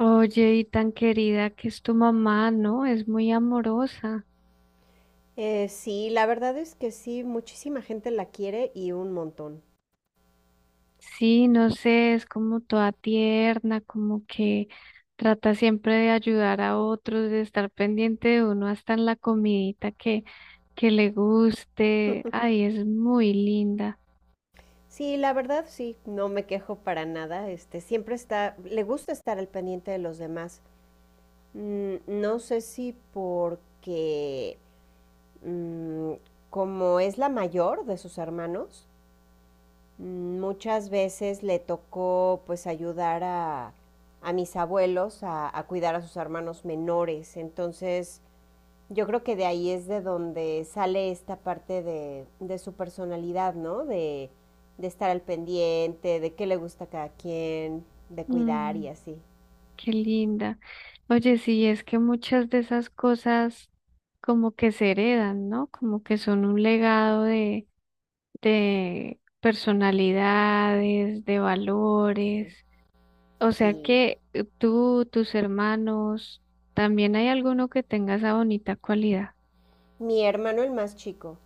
Oye, y tan querida que es tu mamá, ¿no? Es muy amorosa. Sí, la verdad es que sí, muchísima gente la quiere y un montón. Sí, no sé, es como toda tierna, como que trata siempre de ayudar a otros, de estar pendiente de uno hasta en la comidita que le guste. Ay, es muy linda. Sí, la verdad sí, no me quejo para nada. Este, siempre está, le gusta estar al pendiente de los demás. No sé si porque mm, como es la mayor de sus hermanos, muchas veces le tocó pues ayudar a mis abuelos a cuidar a sus hermanos menores. Entonces, yo creo que de ahí es de donde sale esta parte de su personalidad, ¿no? De estar al pendiente, de qué le gusta a cada quien, de cuidar Mm, y así. qué linda. Oye, sí, es que muchas de esas cosas como que se heredan, ¿no? Como que son un legado de personalidades, de valores. O sea Sí. que tú, tus hermanos, también hay alguno que tenga esa bonita cualidad. Mi hermano, el más chico.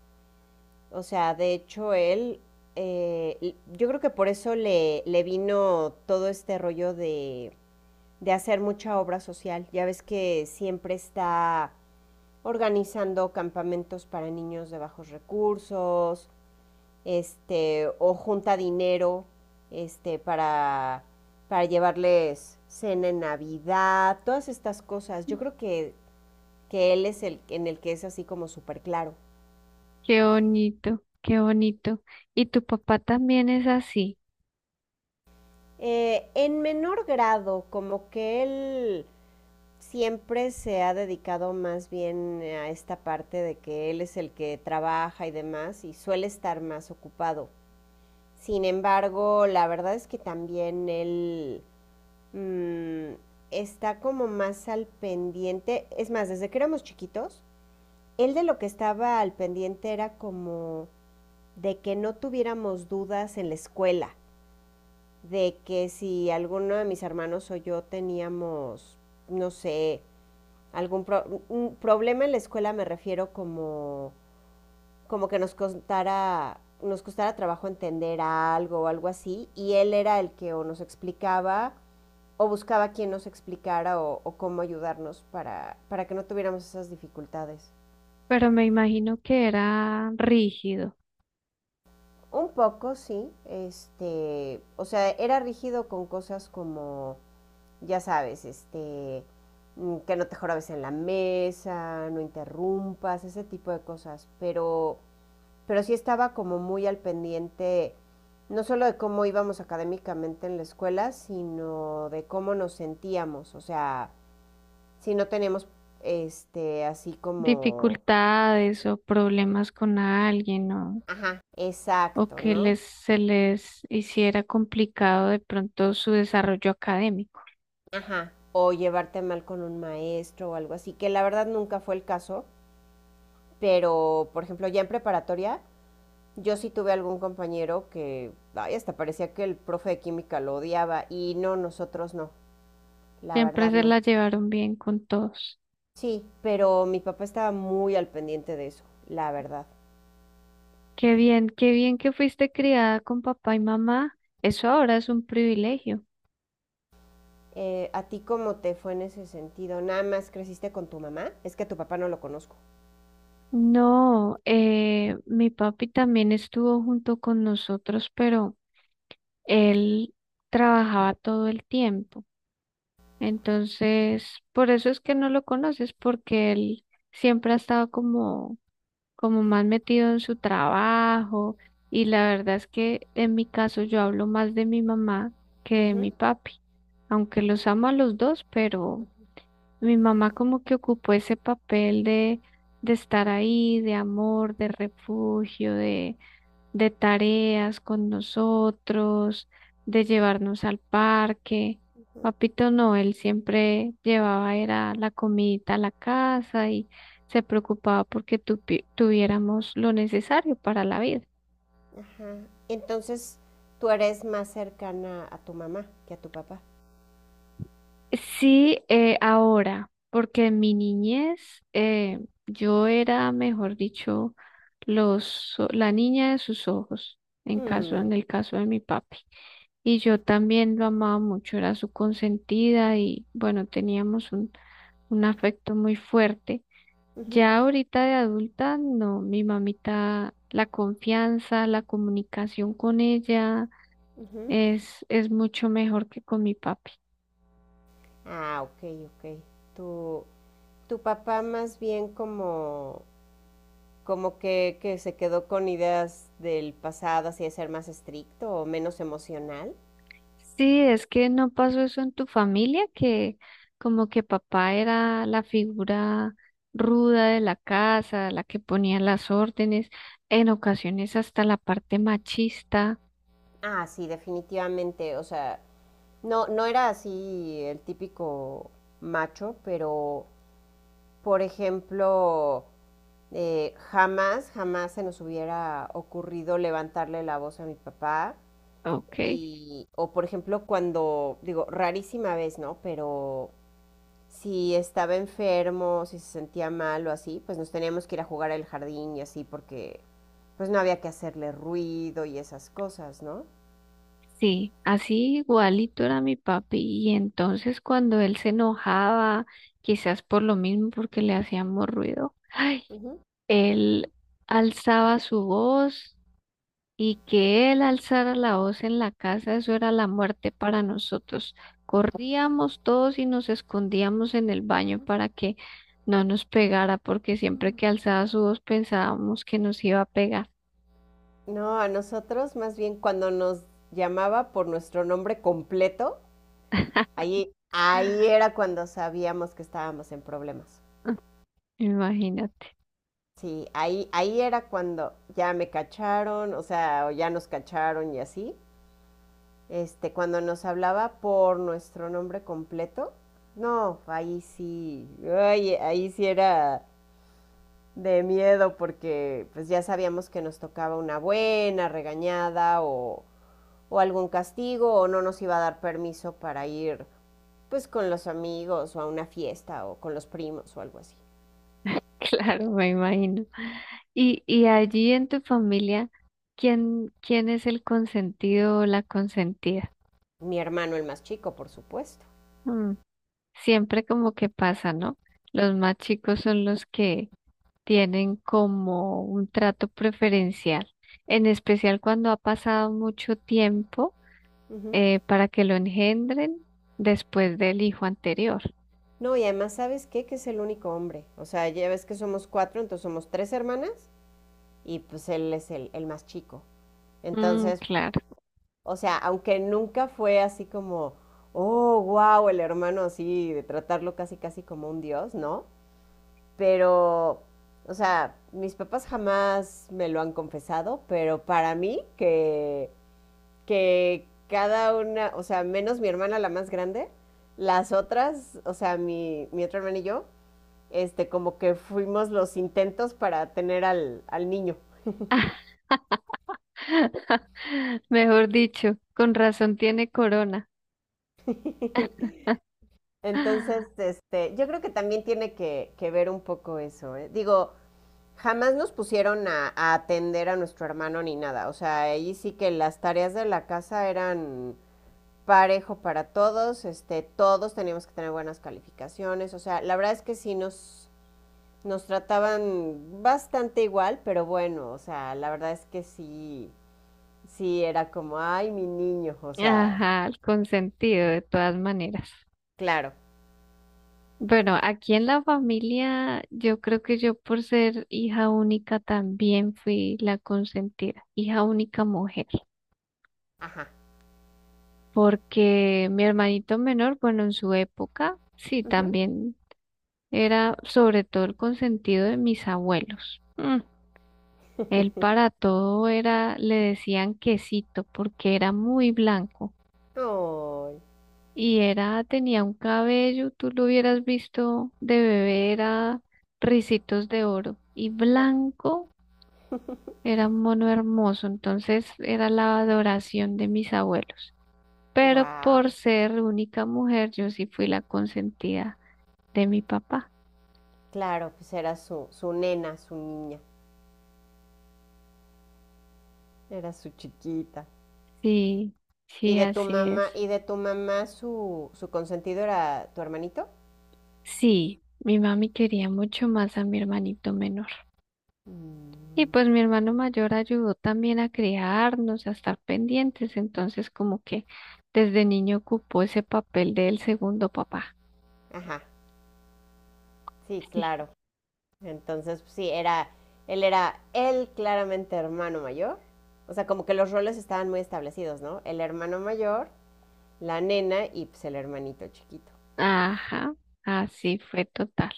O sea, de hecho, él, yo creo que por eso le vino todo este rollo de hacer mucha obra social. Ya ves que siempre está organizando campamentos para niños de bajos recursos, este, o junta dinero, este, para llevarles cena en Navidad, todas estas cosas. Yo creo que él es el en el que es así como súper claro. Qué bonito, qué bonito. Y tu papá también es así, En menor grado, como que él siempre se ha dedicado más bien a esta parte de que él es el que trabaja y demás y suele estar más ocupado. Sin embargo, la verdad es que también él mm, está como más al pendiente. Es más, desde que éramos chiquitos, él de lo que estaba al pendiente era como de que no tuviéramos dudas en la escuela, de que si alguno de mis hermanos o yo teníamos, no sé, un problema en la escuela, me refiero como, como que nos costara trabajo entender algo o algo así, y él era el que o nos explicaba o buscaba quien nos explicara o cómo ayudarnos para que no tuviéramos esas dificultades. pero me imagino que era rígido. Un poco, sí. Este, o sea, era rígido con cosas como, ya sabes, este, que no te jorabes en la mesa, no interrumpas, ese tipo de cosas. Pero sí estaba como muy al pendiente, no solo de cómo íbamos académicamente en la escuela, sino de cómo nos sentíamos. O sea, si no tenemos este así como Dificultades o problemas con alguien ajá, o exacto, que ¿no? Se les hiciera complicado de pronto su desarrollo académico. Ajá. O llevarte mal con un maestro o algo así, que la verdad nunca fue el caso, pero por ejemplo, ya en preparatoria yo sí tuve algún compañero que ay, hasta parecía que el profe de química lo odiaba y no, nosotros no, la Siempre verdad se no. la llevaron bien con todos. Sí, pero mi papá estaba muy al pendiente de eso, la verdad. Qué bien que fuiste criada con papá y mamá. Eso ahora es un privilegio. ¿A ti cómo te fue en ese sentido? ¿Nada más creciste con tu mamá? Es que a tu papá no lo conozco. No, mi papi también estuvo junto con nosotros, pero él trabajaba todo el tiempo. Entonces, por eso es que no lo conoces, porque él siempre ha estado como, como más metido en su trabajo. Y la verdad es que en mi caso yo hablo más de mi mamá que de mi Ujú. papi, aunque los amo a los dos, pero... Mi mamá como que ocupó ese papel de estar ahí, de amor, de refugio, de tareas con nosotros, de llevarnos al parque. Papito no, él siempre llevaba era la comidita a la casa y se preocupaba porque tuviéramos lo necesario para la vida. Ajá. Entonces, tú eres más cercana a tu mamá que a tu papá. Sí, ahora, porque en mi niñez yo era, mejor dicho, la niña de sus ojos, Mm, en el caso de mi papi. Y yo también lo amaba mucho, era su consentida y bueno, teníamos un afecto muy fuerte. ujú, Ya ahorita de adulta, no, mi mamita, la confianza, la comunicación con ella ujú. Es mucho mejor que con mi papi. Ah, ok, ok. Tu, tu papá más bien como, como que se quedó con ideas del pasado, así de ser más estricto o menos emocional. Sí, es que no pasó eso en tu familia, que como que papá era la figura ruda de la casa, la que ponía las órdenes, en ocasiones hasta la parte machista. Ah, sí, definitivamente. O sea, no, no era así el típico macho, pero, por ejemplo, eh, jamás, jamás se nos hubiera ocurrido levantarle la voz a mi papá. Ok, Y, o por ejemplo, cuando, digo, rarísima vez, ¿no? Pero si estaba enfermo, si se sentía mal o así, pues nos teníamos que ir a jugar al jardín y así porque pues no había que hacerle ruido y esas cosas, ¿no? sí, así igualito era mi papi. Y entonces cuando él se enojaba, quizás por lo mismo, porque le hacíamos ruido, ay, Ujú. él alzaba su voz y que él alzara la voz en la casa, eso era la muerte para nosotros. Corríamos todos y nos escondíamos en el baño para que no nos pegara, porque siempre que alzaba su voz pensábamos que nos iba a pegar. No, a nosotros más bien cuando nos llamaba por nuestro nombre completo, ahí, ahí era cuando sabíamos que estábamos en problemas. Imagínate. Sí, ahí, ahí era cuando ya me cacharon, o sea, o ya nos cacharon y así. Este, cuando nos hablaba por nuestro nombre completo, no, ahí sí, ay, ahí sí era de miedo porque pues ya sabíamos que nos tocaba una buena regañada o algún castigo o no nos iba a dar permiso para ir pues con los amigos o a una fiesta o con los primos o algo así. Claro, me imagino. Y allí en tu familia, ¿quién es el consentido o la consentida? Mi hermano el más chico, por supuesto. Mm, siempre como que pasa, ¿no? Los más chicos son los que tienen como un trato preferencial, en especial cuando ha pasado mucho tiempo Ujú. Para que lo engendren después del hijo anterior. No, y además, ¿sabes qué? Que es el único hombre. O sea, ya ves que somos cuatro, entonces somos tres hermanas y pues él es el más chico. Mm, Entonces, claro. o sea, aunque nunca fue así como, oh, wow, el hermano así, de tratarlo casi, casi como un dios, ¿no? Pero, o sea, mis papás jamás me lo han confesado, pero para mí que cada una, o sea, menos mi hermana la más grande, las otras, o sea, mi otra hermana y yo, este, como que fuimos los intentos para tener al niño. Mejor dicho, con razón tiene corona. Entonces, este, yo creo que también tiene que ver un poco eso. ¿Eh? Digo, jamás nos pusieron atender a nuestro hermano ni nada. O sea, ahí sí que las tareas de la casa eran parejo para todos, este, todos teníamos que tener buenas calificaciones. O sea, la verdad es que sí nos trataban bastante igual, pero bueno, o sea, la verdad es que sí, sí era como, ay, mi niño, o sea, Ajá, el consentido de todas maneras. claro, Bueno, aquí en la familia, yo creo que yo por ser hija única también fui la consentida, hija única mujer. ajá. Porque mi hermanito menor, bueno, en su época, sí, Ujú. también era sobre todo el consentido de mis abuelos. Mm, él para todo era, le decían quesito, porque era muy blanco Ay, oh, y era, tenía un cabello, tú lo hubieras visto de bebé, era ricitos de oro y blanco. Era un mono hermoso, entonces era la adoración de mis abuelos. Pero por wow. ser única mujer, yo sí fui la consentida de mi papá. Claro, pues era su, su nena, su niña, era su chiquita. Sí, ¿Y sí, de tu así mamá, es. y de tu mamá su, su consentido era tu hermanito? Sí, mi mami quería mucho más a mi hermanito menor. Y Mm. pues mi hermano mayor ayudó también a criarnos, a estar pendientes, entonces como que desde niño ocupó ese papel del segundo papá. Ajá, sí, Sí. claro. Entonces, pues, sí, era, él claramente hermano mayor. O sea, como que los roles estaban muy establecidos, ¿no? El hermano mayor, la nena y pues el hermanito chiquito. Ajá, así fue total.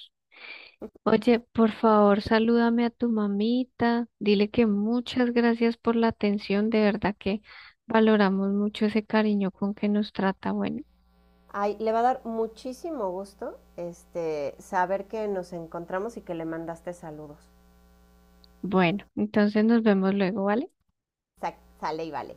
Oye, por favor, salúdame a tu mamita, dile que muchas gracias por la atención, de verdad que valoramos mucho ese cariño con que nos trata. Bueno. Ay, le va a dar muchísimo gusto este, saber que nos encontramos y que le mandaste saludos. Bueno, entonces nos vemos luego, ¿vale? Sale y vale.